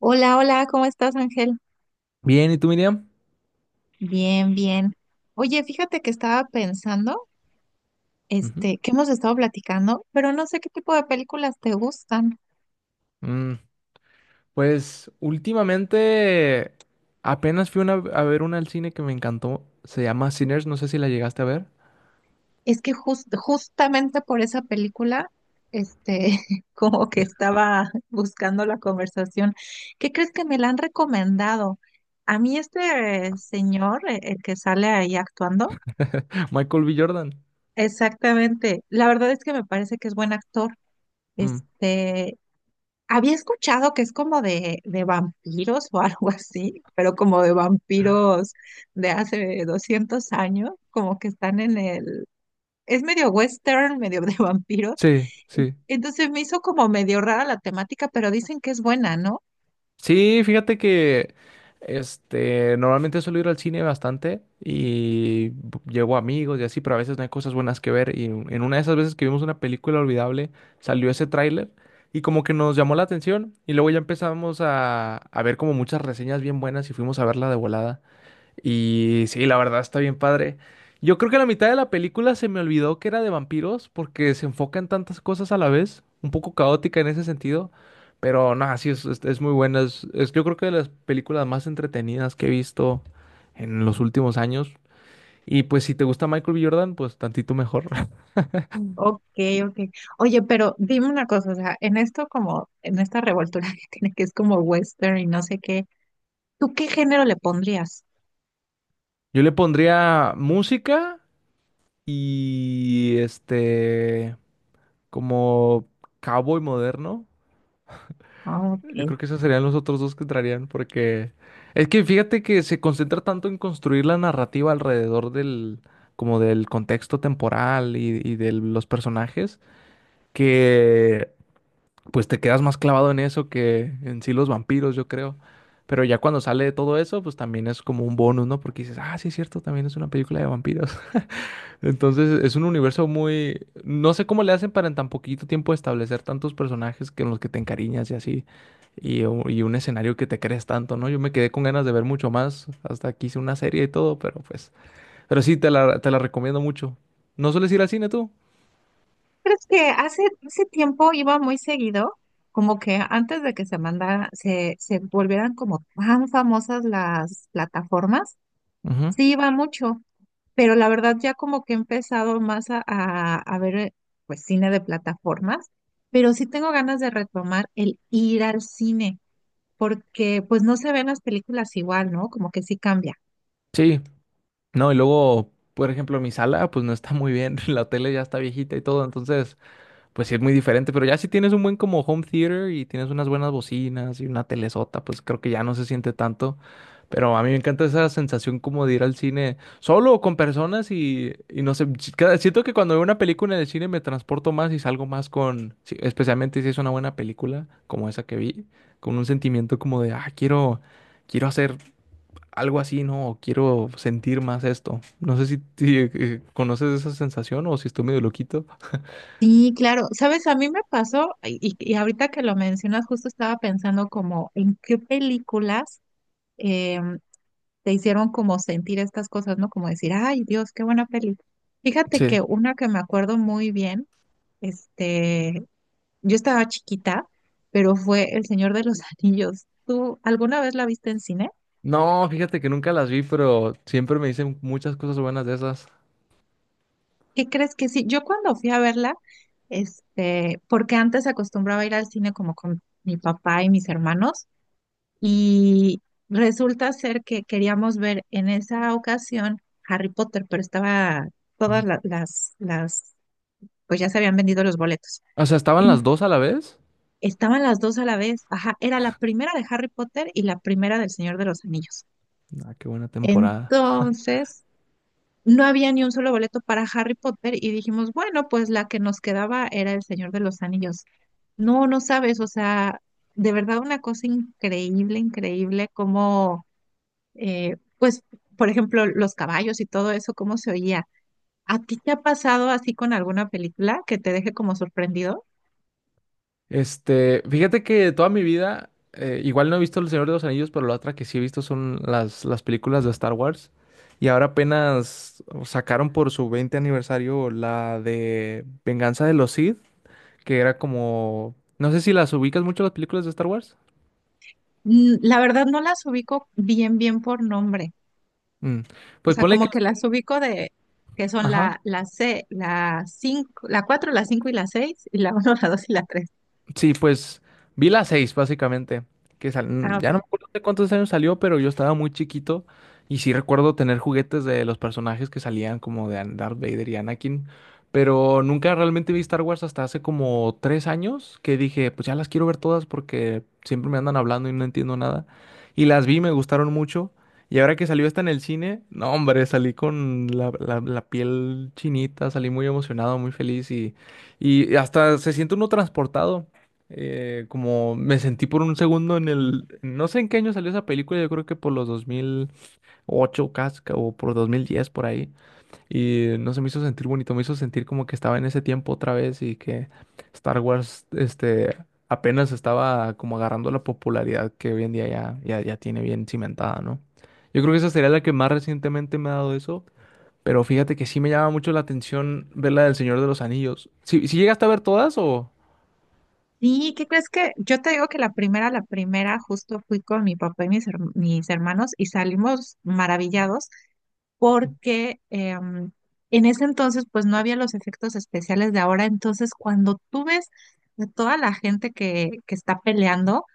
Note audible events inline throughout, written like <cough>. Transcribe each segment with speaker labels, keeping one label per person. Speaker 1: Hola, hola, ¿cómo estás, Ángel?
Speaker 2: Bien, ¿y tú, Miriam?
Speaker 1: Bien, bien. Oye, fíjate que estaba pensando,
Speaker 2: Ujú.
Speaker 1: que hemos estado platicando, pero no sé qué tipo de películas te gustan.
Speaker 2: Mm, pues últimamente apenas fui a ver una al cine que me encantó. Se llama Sinners, no sé si la llegaste a ver.
Speaker 1: Es que justamente por esa película, este, <laughs> como que estaba buscando la conversación. ¿Qué crees que me la han recomendado? A mí señor, el que sale ahí actuando,
Speaker 2: <laughs> Michael B. Jordan.
Speaker 1: exactamente. La verdad es que me parece que es buen actor.
Speaker 2: Mm,
Speaker 1: Este, Había escuchado que es como de vampiros o <laughs> algo así, pero como de vampiros de hace 200 años, como que están en el... Es medio western, medio de <laughs> vampiros.
Speaker 2: sí, sí.
Speaker 1: Entonces me hizo como medio rara la temática, pero dicen que es buena, ¿no?
Speaker 2: Sí, fíjate que este normalmente suelo ir al cine bastante y llevo amigos y así, pero a veces no hay cosas buenas que ver. Y en una de esas veces que vimos una película olvidable, salió ese tráiler y como que nos llamó la atención. Y luego ya empezamos a ver como muchas reseñas bien buenas y fuimos a verla de volada. Y sí, la verdad está bien padre. Yo creo que la mitad de la película se me olvidó que era de vampiros porque se enfoca en tantas cosas a la vez, un poco caótica en ese sentido, pero no, sí, es muy buena. Yo creo que de las películas más entretenidas que he visto en los últimos años. Y pues si te gusta Michael B. Jordan, pues tantito mejor. <laughs>
Speaker 1: Ok, ok. Oye, pero dime una cosa, o sea, en esto como, en esta revoltura <laughs> que tiene, que es como western y no sé qué, ¿tú qué género le pondrías?
Speaker 2: Yo le pondría música y este, como cowboy moderno.
Speaker 1: Ah,
Speaker 2: Yo
Speaker 1: ok.
Speaker 2: creo que esos serían los otros dos que entrarían, porque es que fíjate que se concentra tanto en construir la narrativa alrededor del, como del contexto temporal y de los personajes, que pues te quedas más clavado en eso que en sí los vampiros, yo creo. Pero ya cuando sale de todo eso, pues también es como un bonus, ¿no? Porque dices, ah, sí es cierto, también es una película de vampiros. Entonces es un universo muy. No sé cómo le hacen para en tan poquito tiempo establecer tantos personajes que en los que te encariñas y así, y un escenario que te crees tanto, ¿no? Yo me quedé con ganas de ver mucho más, hasta que hice una serie y todo, pero pues. Pero sí, te la recomiendo mucho. ¿No sueles ir al cine tú?
Speaker 1: Crees que hace tiempo iba muy seguido, como que antes de que se mandara, se volvieran como tan famosas las plataformas,
Speaker 2: Ujú.
Speaker 1: sí iba mucho, pero la verdad ya como que he empezado más a ver pues cine de plataformas, pero sí tengo ganas de retomar el ir al cine, porque pues no se ven las películas igual, ¿no? Como que sí cambia.
Speaker 2: Sí, no, y luego, por ejemplo, mi sala pues no está muy bien, <laughs> la tele ya está viejita y todo, entonces. Pues sí, es muy diferente, pero ya si tienes un buen como home theater y tienes unas buenas bocinas y una telesota, pues creo que ya no se siente tanto. Pero a mí me encanta esa sensación como de ir al cine solo o con personas y no sé, siento que cuando veo una película en el cine me transporto más y salgo más con, sí, especialmente si es una buena película como esa que vi, con un sentimiento como de, ah, quiero quiero hacer algo así, ¿no? O quiero sentir más esto. No sé si conoces esa sensación o si estoy medio loquito.
Speaker 1: Sí, claro. Sabes, a mí me pasó, y ahorita que lo mencionas, justo estaba pensando como en qué películas eh, te hicieron como sentir estas cosas, ¿no? Como decir, ay, Dios, qué buena peli. Fíjate
Speaker 2: Sí.
Speaker 1: que una que me acuerdo muy bien, este, yo estaba chiquita, pero fue El Señor de los <laughs> Anillos. ¿Tú alguna vez la viste en cine?
Speaker 2: No, fíjate que nunca las vi, pero siempre me dicen muchas cosas buenas de esas.
Speaker 1: ¿Qué crees que sí? Yo cuando fui a verla, porque antes acostumbraba a ir al cine como con mi papá y mis hermanos, y resulta ser que queríamos ver en esa ocasión Harry Potter, pero estaba todas
Speaker 2: Ujú.
Speaker 1: las pues ya se habían vendido los boletos.
Speaker 2: O sea, ¿estaban
Speaker 1: En-
Speaker 2: las dos a la vez?
Speaker 1: Estaban las dos a la vez. Ajá, era la primera de Harry Potter y la primera del Señor de los Anillos.
Speaker 2: Ah, qué buena temporada.
Speaker 1: Entonces, no había ni un solo boleto para Harry Potter y dijimos, bueno, pues la que nos quedaba era el Señor de los Anillos. No, no sabes, o sea, de verdad una cosa increíble, increíble, como, pues, por ejemplo, los caballos y todo eso, cómo se oía. ¿A ti te ha pasado así con alguna película que te deje como sorprendido?
Speaker 2: Este, fíjate que toda mi vida, igual no he visto El Señor de los Anillos, pero la otra que sí he visto son las películas de Star Wars. Y ahora apenas sacaron por su 20 aniversario la de Venganza de los Sith, que era como. No sé si las ubicas mucho las películas de Star Wars.
Speaker 1: Mm, la verdad no las ubico bien, bien por nombre.
Speaker 2: Mm,
Speaker 1: O
Speaker 2: Pues
Speaker 1: sea,
Speaker 2: ponle
Speaker 1: como
Speaker 2: que.
Speaker 1: que las ubico de que son
Speaker 2: Ajá.
Speaker 1: la C, la 5 la 4 la 5 y la 6 y la 1 <laughs> la 2 y la 3.
Speaker 2: Sí, pues vi la 6, básicamente, que
Speaker 1: Ah,
Speaker 2: ya
Speaker 1: ok.
Speaker 2: no me acuerdo de cuántos años salió, pero yo estaba muy chiquito y sí recuerdo tener juguetes de los personajes que salían como de Darth Vader y Anakin, pero nunca realmente vi Star Wars hasta hace como 3 años que dije, pues ya las quiero ver todas porque siempre me andan hablando y no entiendo nada. Y las vi, me gustaron mucho. Y ahora que salió esta en el cine, no hombre, salí con la piel chinita, salí muy emocionado, muy feliz y hasta se siente uno transportado como me sentí por un segundo en el, no sé en qué año salió esa película, yo creo que por los 2008 casca o por 2010 por ahí, y no se me hizo sentir bonito, me hizo sentir como que estaba en ese tiempo otra vez y que Star Wars, este, apenas estaba como agarrando la popularidad que hoy en día ya, ya, ya tiene bien cimentada, ¿no? Yo creo que esa sería la que más recientemente me ha dado eso. Pero fíjate que sí me llama mucho la atención ver la del Señor de los Anillos. ¿Si llegaste a ver todas o?
Speaker 1: ¿Y qué crees que? Yo te digo que la primera, justo fui con mi papá y mis hermanos y salimos maravillados porque en ese entonces pues no había los efectos especiales de ahora. Entonces, cuando tú ves a toda la gente que está peleando,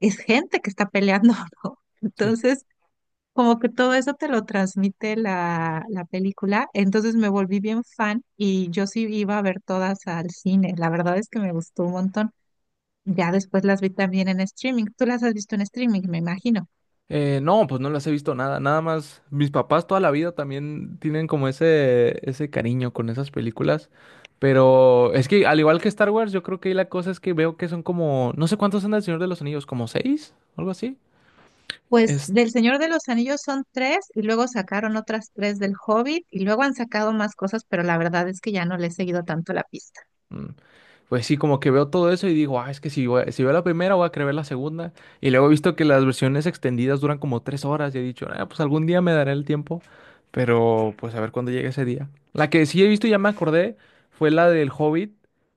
Speaker 1: es gente que está peleando, <laughs> ¿no?
Speaker 2: Sí.
Speaker 1: Entonces, como que todo eso te lo transmite la película. Entonces me volví bien fan y yo sí iba a ver todas al cine. La verdad es que me gustó un montón. Ya después las vi también en streaming. Tú las has visto en streaming, me imagino.
Speaker 2: No, pues no las he visto nada, nada más. Mis papás toda la vida también tienen como ese cariño con esas películas. Pero es que al igual que Star Wars, yo creo que ahí la cosa es que veo que son como, no sé cuántos son del Señor de los Anillos, como 6, algo así.
Speaker 1: Pues del Señor de los Anillos son tres y luego sacaron otras tres del Hobbit y luego han sacado más cosas, pero la verdad es que ya no le he seguido tanto la pista.
Speaker 2: Mm. Pues sí, como que veo todo eso y digo, ah, es que si, si veo la primera, voy a querer ver la segunda. Y luego he visto que las versiones extendidas duran como 3 horas y he dicho, ah, pues algún día me daré el tiempo, pero pues a ver cuándo llegue ese día. La que sí he visto, y ya me acordé, fue la del Hobbit,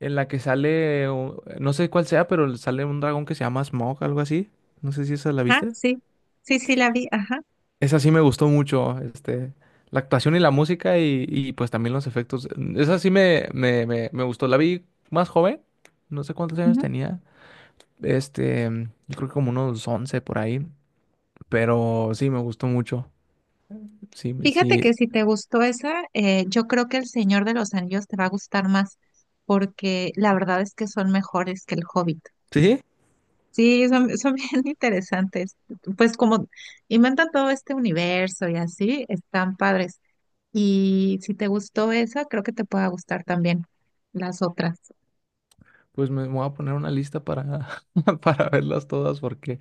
Speaker 2: en la que sale, no sé cuál sea, pero sale un dragón que se llama Smaug, algo así. No sé si esa la
Speaker 1: Ah,
Speaker 2: viste.
Speaker 1: sí, sí, sí, la vi. Ajá.
Speaker 2: Esa sí me gustó mucho, este, la actuación y la música y pues también los efectos. Esa sí me gustó. La vi más joven, no sé cuántos años tenía. Este, yo creo que como unos 11 por ahí, pero sí me gustó mucho. Sí,
Speaker 1: Fíjate
Speaker 2: sí,
Speaker 1: que si te gustó esa, yo creo que El Señor de los Anillos te va a gustar más, porque la verdad es que son mejores que El Hobbit.
Speaker 2: sí,
Speaker 1: Sí, son <laughs> bien interesantes. Pues como inventan todo este universo y así, están padres. Y si te gustó esa, creo que te pueda gustar también las otras.
Speaker 2: pues me voy a poner una lista para, <laughs> para verlas todas porque,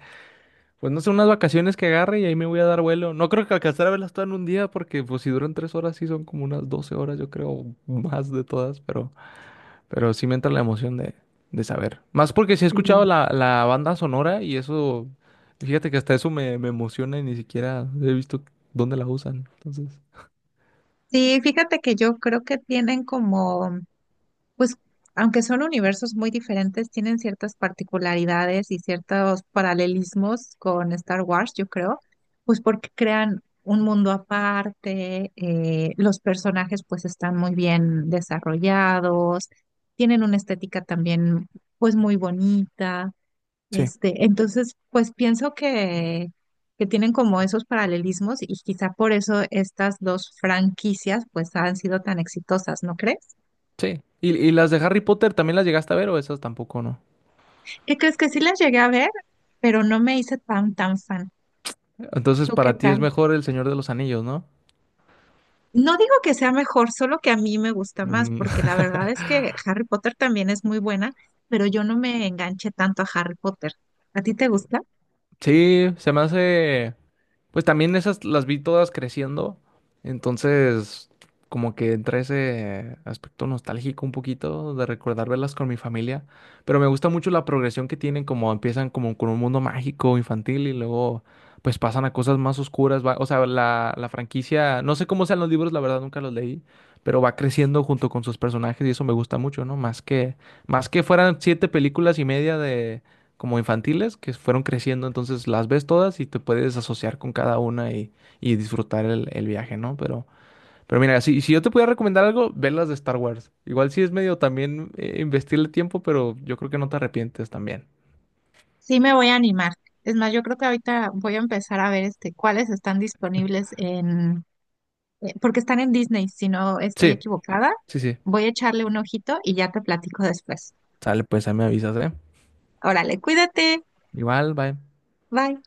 Speaker 2: pues no sé, unas vacaciones que agarre y ahí me voy a dar vuelo. No creo que alcanzar a verlas todas en un día porque pues si duran 3 horas sí son como unas 12 horas yo creo, más de todas, pero. Pero sí me entra la emoción de saber. Más porque sí he
Speaker 1: Ujú.
Speaker 2: escuchado la banda sonora y eso, fíjate que hasta eso me emociona y ni siquiera he visto dónde la usan. Entonces,
Speaker 1: Sí, fíjate que yo creo que tienen como pues aunque son universos muy diferentes, tienen ciertas particularidades y ciertos paralelismos con Star Wars, yo creo, pues porque crean un mundo aparte, los personajes pues están muy bien desarrollados, tienen una estética también pues muy bonita,
Speaker 2: sí,
Speaker 1: entonces pues pienso que tienen como esos paralelismos y quizá por eso estas dos franquicias pues han sido tan exitosas, ¿no crees?
Speaker 2: sí. ¿Y las de Harry Potter también las llegaste a ver o esas tampoco no?
Speaker 1: ¿Qué crees que sí las llegué a ver? Pero no me hice tan fan.
Speaker 2: Entonces,
Speaker 1: ¿Tú qué
Speaker 2: para ti es
Speaker 1: tal?
Speaker 2: mejor El Señor de los Anillos, ¿no?
Speaker 1: No digo que sea mejor, solo que a mí me gusta más, porque
Speaker 2: <laughs>
Speaker 1: la verdad es que Harry Potter también es muy buena, pero yo no me enganché tanto a Harry Potter. ¿A ti te gusta?
Speaker 2: Sí, se me hace, pues también esas las vi todas creciendo, entonces como que entra ese aspecto nostálgico un poquito de recordar verlas con mi familia, pero me gusta mucho la progresión que tienen, como empiezan como con un mundo mágico infantil y luego pues pasan a cosas más oscuras, o sea, la franquicia, no sé cómo sean los libros, la verdad nunca los leí, pero va creciendo junto con sus personajes y eso me gusta mucho, ¿no? Más que fueran 7 películas y media como infantiles que fueron creciendo, entonces las ves todas y te puedes asociar con cada una y disfrutar el viaje, ¿no? Pero mira, si yo te pudiera recomendar algo, ve las de Star Wars. Igual sí es medio también investirle tiempo, pero yo creo que no te arrepientes también.
Speaker 1: Sí, me voy a animar. Es más, yo creo que ahorita voy a empezar a ver cuáles están disponibles en, porque están en Disney, si no estoy
Speaker 2: Sí,
Speaker 1: equivocada.
Speaker 2: sí, sí.
Speaker 1: Voy a echarle un ojito y ya te platico después.
Speaker 2: Sale, pues ahí me avisas, ¿eh?
Speaker 1: Órale, cuídate.
Speaker 2: Igual, bye.
Speaker 1: Bye.